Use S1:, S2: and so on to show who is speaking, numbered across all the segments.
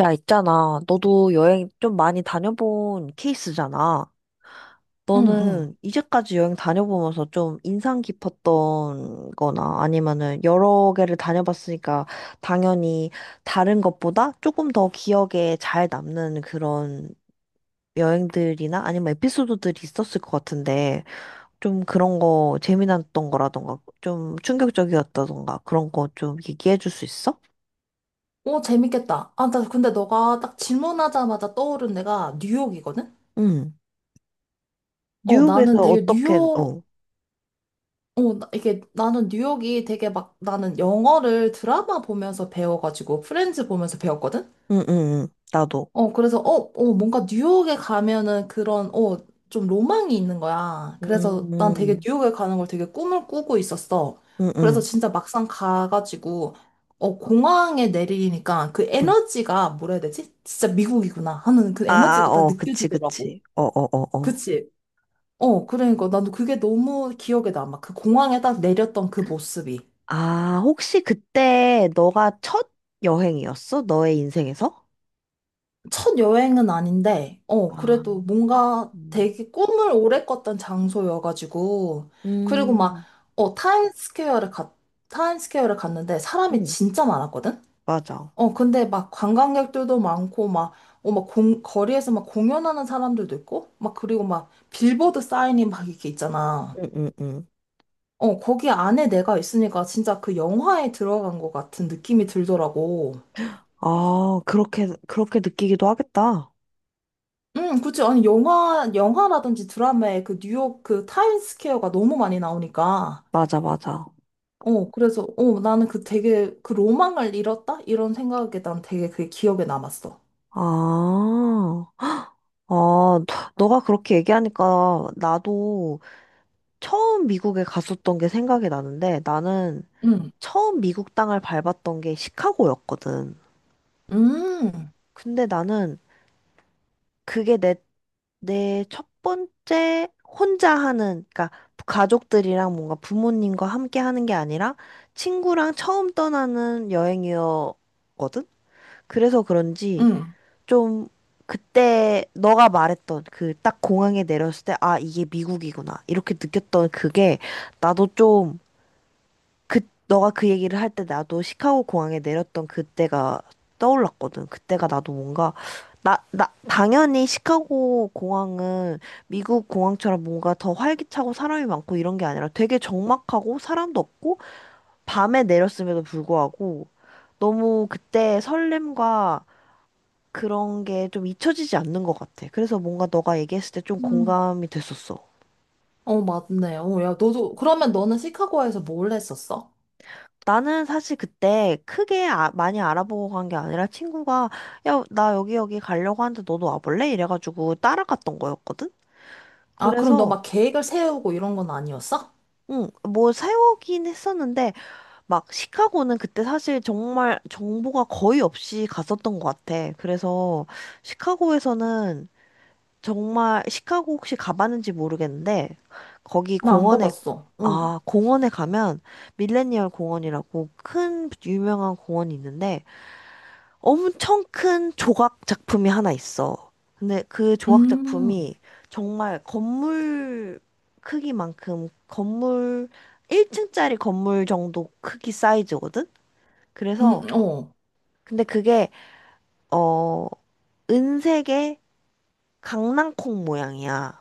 S1: 야, 있잖아. 너도 여행 좀 많이 다녀본 케이스잖아.
S2: 응, 응.
S1: 너는 이제까지 여행 다녀보면서 좀 인상 깊었던 거나 아니면은 여러 개를 다녀봤으니까 당연히 다른 것보다 조금 더 기억에 잘 남는 그런 여행들이나 아니면 에피소드들이 있었을 것 같은데 좀 그런 거 재미났던 거라던가 좀 충격적이었다던가 그런 거 좀 얘기해 줄 수 있어?
S2: 오, 재밌겠다. 아, 나 근데 너가 딱 질문하자마자 떠오른 데가 뉴욕이거든?
S1: 응.
S2: 어, 나는
S1: 뉴욕에서
S2: 되게
S1: 어떻게,
S2: 뉴욕,
S1: 어.
S2: 어, 나- 이게 나는 뉴욕이 되게 막 나는 영어를 드라마 보면서 배워가지고 프렌즈 보면서 배웠거든?
S1: 응, 응, 응. 나도.
S2: 뭔가 뉴욕에 가면은 좀 로망이 있는 거야. 그래서
S1: 음,
S2: 난 되게
S1: 음,
S2: 뉴욕에 가는 걸 되게 꿈을 꾸고 있었어. 그래서
S1: 음.
S2: 진짜 막상 가가지고, 공항에 내리니까 그
S1: 음.
S2: 에너지가 뭐라 해야 되지? 진짜 미국이구나 하는 그
S1: 아, 아,
S2: 에너지가 딱
S1: 어, 그치,
S2: 느껴지더라고.
S1: 그치. 어, 어, 어, 어.
S2: 그치? 어, 그러니까 나도 그게 너무 기억에 남아. 그 공항에 딱 내렸던 그 모습이.
S1: 아, 혹시 그때 너가 첫 여행이었어? 너의 인생에서?
S2: 첫 여행은 아닌데, 어,
S1: 아,
S2: 그래도 뭔가
S1: 음,
S2: 되게 꿈을 오래 꿨던 장소여가지고, 그리고 막,
S1: 음,
S2: 어, 타임스퀘어를 갔, 타임스퀘어를 갔는데 사람이
S1: 음,
S2: 진짜 많았거든?
S1: 맞아.
S2: 어, 근데 막 관광객들도 많고, 막, 거리에서 막 공연하는 사람들도 있고, 막, 그리고 막 빌보드 사인이 막 이렇게 있잖아.
S1: 응, 응, 응.
S2: 어, 거기 안에 내가 있으니까 진짜 그 영화에 들어간 것 같은 느낌이 들더라고.
S1: 아, 그렇게, 그렇게 느끼기도 하겠다.
S2: 응, 그치. 아니, 영화라든지 드라마에 그 뉴욕 그 타임스퀘어가 너무 많이 나오니까.
S1: 맞아, 맞아.
S2: 나는 그 되게 그 로망을 잃었다? 이런 생각에 난 되게 그게 기억에 남았어.
S1: 아, 아, 너가 그렇게 얘기하니까 나도 처음 미국에 갔었던 게 생각이 나는데 나는
S2: 응,
S1: 처음 미국 땅을 밟았던 게 시카고였거든.
S2: 음,
S1: 근데 나는 그게 내 첫 번째 혼자 하는, 그러니까 가족들이랑 뭔가 부모님과 함께 하는 게 아니라 친구랑 처음 떠나는 여행이었거든. 그래서 그런지
S2: 응,
S1: 좀 그때 너가 말했던 그 딱 공항에 내렸을 때, 아, 이게 미국이구나. 이렇게 느꼈던 그게 나도 좀 그, 너가 그 얘기를 할 때 나도 시카고 공항에 내렸던 그때가 떠올랐거든. 그때가 나도 뭔가, 나, 당연히 시카고 공항은 미국 공항처럼 뭔가 더 활기차고 사람이 많고 이런 게 아니라 되게 적막하고 사람도 없고 밤에 내렸음에도 불구하고 너무 그때 설렘과 그런 게 좀 잊혀지지 않는 것 같아. 그래서 뭔가 너가 얘기했을 때 좀
S2: 음.
S1: 공감이 됐었어.
S2: 어, 맞네. 어, 야, 너도, 그러면 너는 시카고에서 뭘 했었어?
S1: 나는 사실 그때 크게 많이 알아보고 간 게 아니라 친구가 야, 나 여기 가려고 하는데 너도 와볼래? 이래가지고 따라갔던 거였거든?
S2: 아, 그럼 너
S1: 그래서
S2: 막 계획을 세우고 이런 건 아니었어?
S1: 응, 뭐 세우긴 했었는데 막 시카고는 그때 사실 정말 정보가 거의 없이 갔었던 것 같아. 그래서 시카고에서는 정말 시카고 혹시 가봤는지 모르겠는데 거기
S2: 나 안
S1: 공원에
S2: 가봤어. 응,
S1: 아, 공원에 가면 밀레니얼 공원이라고 큰 유명한 공원이 있는데 엄청 큰 조각 작품이 하나 있어. 근데 그 조각
S2: 음,
S1: 작품이 정말 건물 크기만큼 건물 1층짜리 건물 정도 크기 사이즈거든? 그래서
S2: 어.
S1: 근데 그게 어 은색의 강낭콩 모양이야.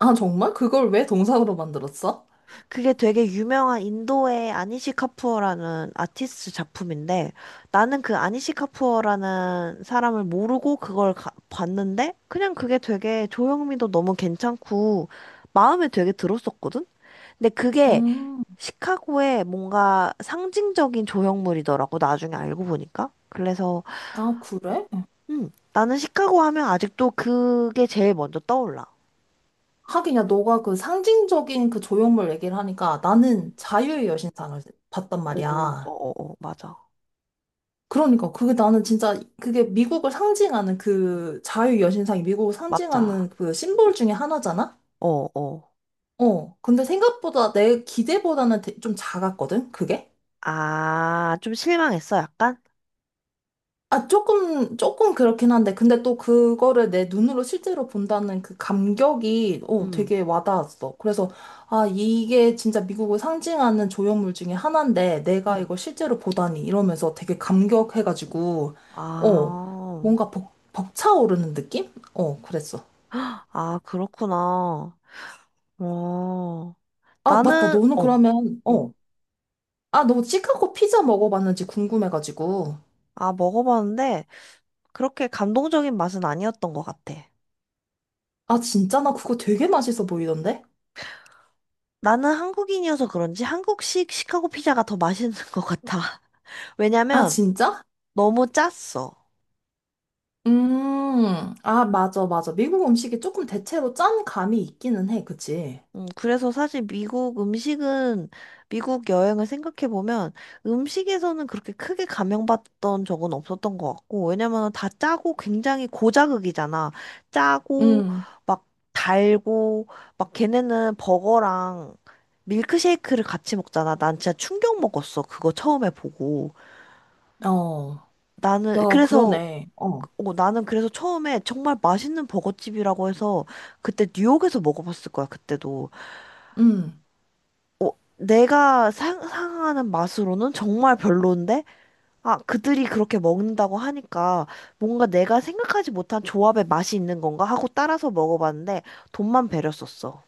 S2: 아, 정말? 그걸 왜 동상으로 만들었어?
S1: 그게 되게 유명한 인도의 아니시 카푸어라는 아티스트 작품인데 나는 그 아니시 카푸어라는 사람을 모르고 그걸 봤는데 그냥 그게 되게 조형미도 너무 괜찮고 마음에 되게 들었었거든? 근데 그게
S2: 음,
S1: 시카고의 뭔가 상징적인 조형물이더라고 나중에 알고 보니까. 그래서
S2: 아, 그래?
S1: 나는 시카고 하면 아직도 그게 제일 먼저 떠올라.
S2: 하긴, 야, 너가 그 상징적인 그 조형물 얘기를 하니까
S1: 음.
S2: 나는 자유의 여신상을 봤단
S1: 오, 어,
S2: 말이야.
S1: 어, 어, 맞아.
S2: 그러니까 그게 나는 진짜 그게 미국을 상징하는 그 자유의 여신상이 미국을
S1: 맞아.
S2: 상징하는 그 심볼 중에 하나잖아?
S1: 어, 어.
S2: 어. 근데 생각보다 내 기대보다는 좀 작았거든, 그게?
S1: 아, 좀 실망했어, 약간?
S2: 아, 조금, 조금 그렇긴 한데, 근데 또 그거를 내 눈으로 실제로 본다는 그 감격이, 어,
S1: 음,
S2: 되게 와닿았어. 그래서, 아, 이게 진짜 미국을 상징하는 조형물 중에 하나인데, 내가
S1: 음.
S2: 이걸 실제로 보다니, 이러면서 되게 감격해가지고, 어,
S1: 아,
S2: 뭔가 벅차오르는 느낌? 어, 그랬어.
S1: 아, 그렇구나. 어,
S2: 아, 맞다.
S1: 나는, 어, 어.
S2: 아, 너 시카고 피자 먹어봤는지 궁금해가지고.
S1: 아, 먹어봤는데, 그렇게 감동적인 맛은 아니었던 것 같아.
S2: 아, 진짜? 나 그거 되게 맛있어 보이던데?
S1: 나는 한국인이어서 그런지 한국식 시카고 피자가 더 맛있는 것 같아.
S2: 아,
S1: 왜냐면,
S2: 진짜?
S1: 너무 짰어.
S2: 아, 맞아, 맞아. 미국 음식이 조금 대체로 짠 감이 있기는 해, 그치?
S1: 그래서 사실 미국 음식은, 미국 여행을 생각해보면 음식에서는 그렇게 크게 감명받던 적은 없었던 것 같고, 왜냐면 다 짜고 굉장히 고자극이잖아. 짜고,
S2: 음.
S1: 막 달고, 막 걔네는 버거랑 밀크쉐이크를 같이 먹잖아. 난 진짜 충격 먹었어. 그거 처음에 보고.
S2: 어,
S1: 나는,
S2: 야,
S1: 그래서,
S2: 그러네. 어,
S1: 나는 그래서 처음에 정말 맛있는 버거집이라고 해서 그때 뉴욕에서 먹어봤을 거야, 그때도.
S2: 음.
S1: 어, 내가 상상하는 맛으로는 정말 별론데, 아, 그들이 그렇게 먹는다고 하니까 뭔가 내가 생각하지 못한 조합의 맛이 있는 건가 하고 따라서 먹어봤는데 돈만 배려 썼어.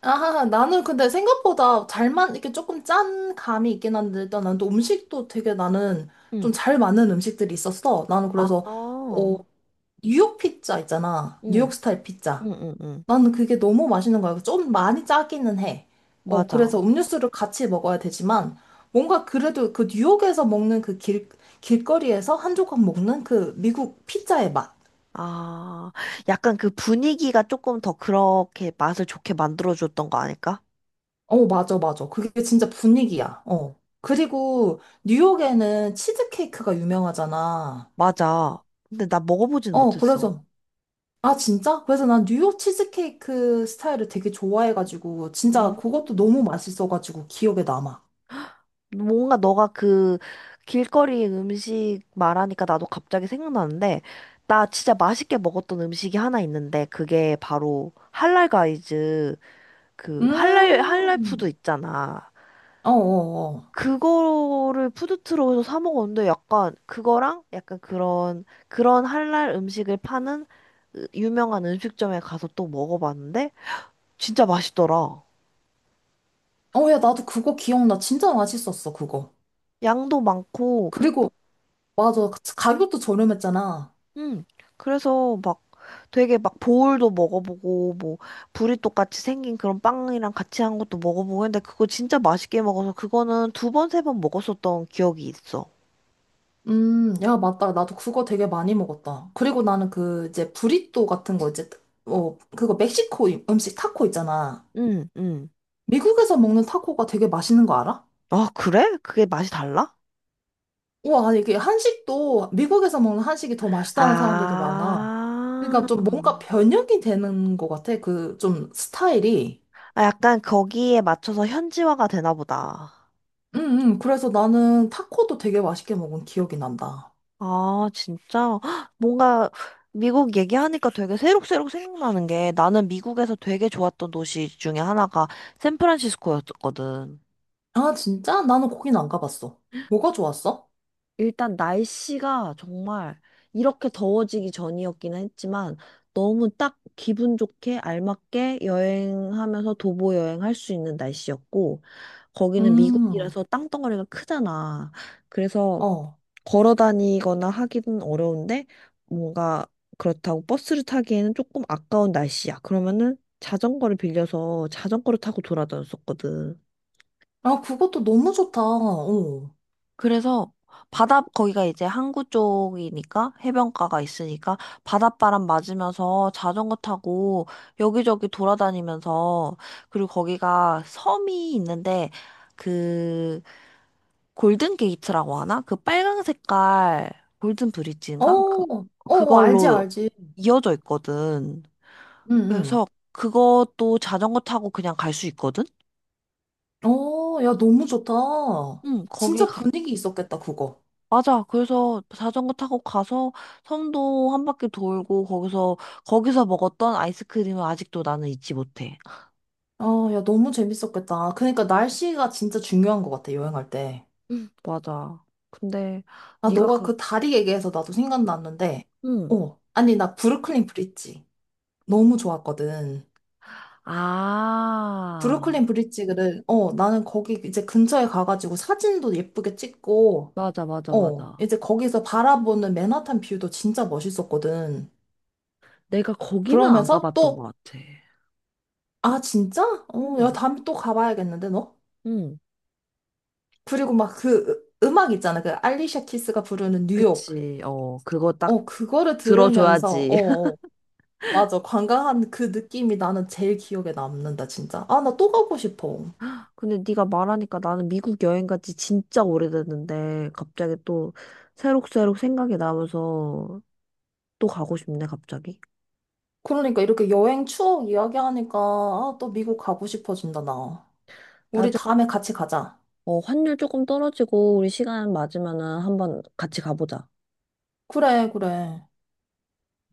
S2: 아, 나는 근데 생각보다 잘만, 이렇게 조금 짠 감이 있긴 한데, 일단 난 또 음식도 되게 나는 좀
S1: 응.
S2: 잘 맞는 음식들이 있었어. 나는
S1: 아,
S2: 그래서, 어, 뉴욕 피자 있잖아. 뉴욕
S1: 응,
S2: 스타일 피자.
S1: 응, 응, 응.
S2: 나는 그게 너무 맛있는 거야. 좀 많이 짜기는 해. 어, 그래서
S1: 맞아.
S2: 음료수를 같이 먹어야 되지만, 뭔가 그래도 그 뉴욕에서 먹는 그 길, 길거리에서 한 조각 먹는 그 미국 피자의 맛.
S1: 아, 약간 그 분위기가 조금 더 그렇게 맛을 좋게 만들어줬던 거 아닐까?
S2: 어, 맞아, 맞아. 그게 진짜 분위기야. 어. 그리고 뉴욕에는 치즈케이크가 유명하잖아.
S1: 맞아. 근데 나 먹어보진
S2: 어,
S1: 못했어.
S2: 그래서, 아, 진짜? 그래서 난 뉴욕 치즈케이크 스타일을 되게 좋아해가지고, 진짜
S1: 음.
S2: 그것도 너무 맛있어가지고 기억에 남아.
S1: 뭔가 너가 그 길거리 음식 말하니까 나도 갑자기 생각나는데, 나 진짜 맛있게 먹었던 음식이 하나 있는데, 그게 바로 할랄 가이즈, 그 할랄
S2: 음,
S1: 푸드 있잖아.
S2: 어어어.
S1: 그거를 푸드트럭에서 사 먹었는데, 약간 그거랑 약간 그런, 할랄 음식을 파는 유명한 음식점에 가서 또 먹어봤는데, 진짜 맛있더라.
S2: 어, 야, 나도 그거 기억나. 진짜 맛있었어, 그거.
S1: 양도 많고,
S2: 그리고, 맞아. 가격도 저렴했잖아.
S1: 응. 그래서 막 되게 막 보울도 먹어보고 뭐 브리또 같이 생긴 그런 빵이랑 같이 한 것도 먹어보고 했는데 그거 진짜 맛있게 먹어서 그거는 두 번, 세 번 먹었었던 기억이 있어.
S2: 야, 맞다. 나도 그거 되게 많이 먹었다. 그리고 나는 그, 이제, 브리또 같은 거, 이제, 어, 그거 멕시코 음식 타코 있잖아.
S1: 응, 응.
S2: 미국에서 먹는 타코가 되게 맛있는 거 알아?
S1: 아, 그래? 그게 맛이 달라?
S2: 우와, 이게 한식도, 미국에서 먹는 한식이 더 맛있다는 사람들도 많아.
S1: 아.
S2: 그러니까 좀 뭔가 변형이 되는 것 같아. 그, 좀, 스타일이.
S1: 아, 약간 거기에 맞춰서 현지화가 되나 보다.
S2: 응, 응. 그래서 나는 타코도 되게 맛있게 먹은 기억이 난다.
S1: 아, 진짜? 헉, 뭔가 미국 얘기하니까 되게 새록새록 생각나는 게 나는 미국에서 되게 좋았던 도시 중에 하나가 샌프란시스코였거든.
S2: 아, 진짜? 나는 거긴 안 가봤어. 뭐가 좋았어?
S1: 일단 날씨가 정말 이렇게 더워지기 전이었기는 했지만 너무 딱 기분 좋게 알맞게 여행하면서 도보 여행할 수 있는 날씨였고 거기는
S2: 음,
S1: 미국이라서 땅덩어리가 크잖아. 그래서
S2: 어.
S1: 걸어 다니거나 하기는 어려운데 뭔가 그렇다고 버스를 타기에는 조금 아까운 날씨야. 그러면은 자전거를 빌려서 자전거를 타고 돌아다녔었거든.
S2: 아, 그것도 너무 좋다. 어.
S1: 그래서 바다 거기가 이제 항구 쪽이니까 해변가가 있으니까 바닷바람 맞으면서 자전거 타고 여기저기 돌아다니면서 그리고 거기가 섬이 있는데 그 골든 게이트라고 하나? 그 빨강 색깔 골든
S2: 어,
S1: 브릿지인가? 그
S2: 어, 어, 알지,
S1: 그걸로
S2: 알지.
S1: 이어져 있거든.
S2: 응,
S1: 그래서 그것도 자전거 타고 그냥 갈 수 있거든?
S2: 응. 어, 야, 너무 좋다.
S1: 응, 거기
S2: 진짜
S1: 가,
S2: 분위기 있었겠다, 그거.
S1: 맞아. 그래서 자전거 타고 가서 섬도 한 바퀴 돌고 거기서 먹었던 아이스크림은 아직도 나는 잊지 못해.
S2: 아, 야, 너무 재밌었겠다. 그러니까 날씨가 진짜 중요한 것 같아, 여행할 때.
S1: 응 맞아. 근데
S2: 아,
S1: 네가
S2: 너가
S1: 그,
S2: 그 다리 얘기해서 나도 생각났는데,
S1: 응.
S2: 어. 아니, 나 브루클린 브릿지. 너무 좋았거든.
S1: 아,
S2: 브루클린 브릿지를, 어, 나는 거기 이제 근처에 가가지고 사진도 예쁘게 찍고,
S1: 맞아, 맞아,
S2: 어,
S1: 맞아.
S2: 이제 거기서 바라보는 맨하탄 뷰도 진짜 멋있었거든.
S1: 내가 거기는 안
S2: 그러면서
S1: 가봤던 것
S2: 또,
S1: 같아.
S2: 아, 진짜? 어, 야,
S1: 응
S2: 다음에 또 가봐야겠는데, 너?
S1: 응,
S2: 그리고 막그 음악 있잖아. 그 알리샤 키스가 부르는 뉴욕.
S1: 그치. 그거 딱
S2: 어, 그거를 들으면서,
S1: 들어줘야지.
S2: 어, 어, 맞아. 관광한 그 느낌이 나는 제일 기억에 남는다, 진짜. 아, 나 또 가고 싶어.
S1: 근데 네가 말하니까 나는 미국 여행 간지 진짜 오래됐는데 갑자기 또 새록새록 생각이 나면서 또 가고 싶네 갑자기.
S2: 그러니까 이렇게 여행 추억 이야기하니까 아, 또 미국 가고 싶어진다, 나. 우리
S1: 나중에
S2: 다음에 같이 가자.
S1: 환율 조금 떨어지고 우리 시간 맞으면은 한번 같이 가보자.
S2: 그래, 그래.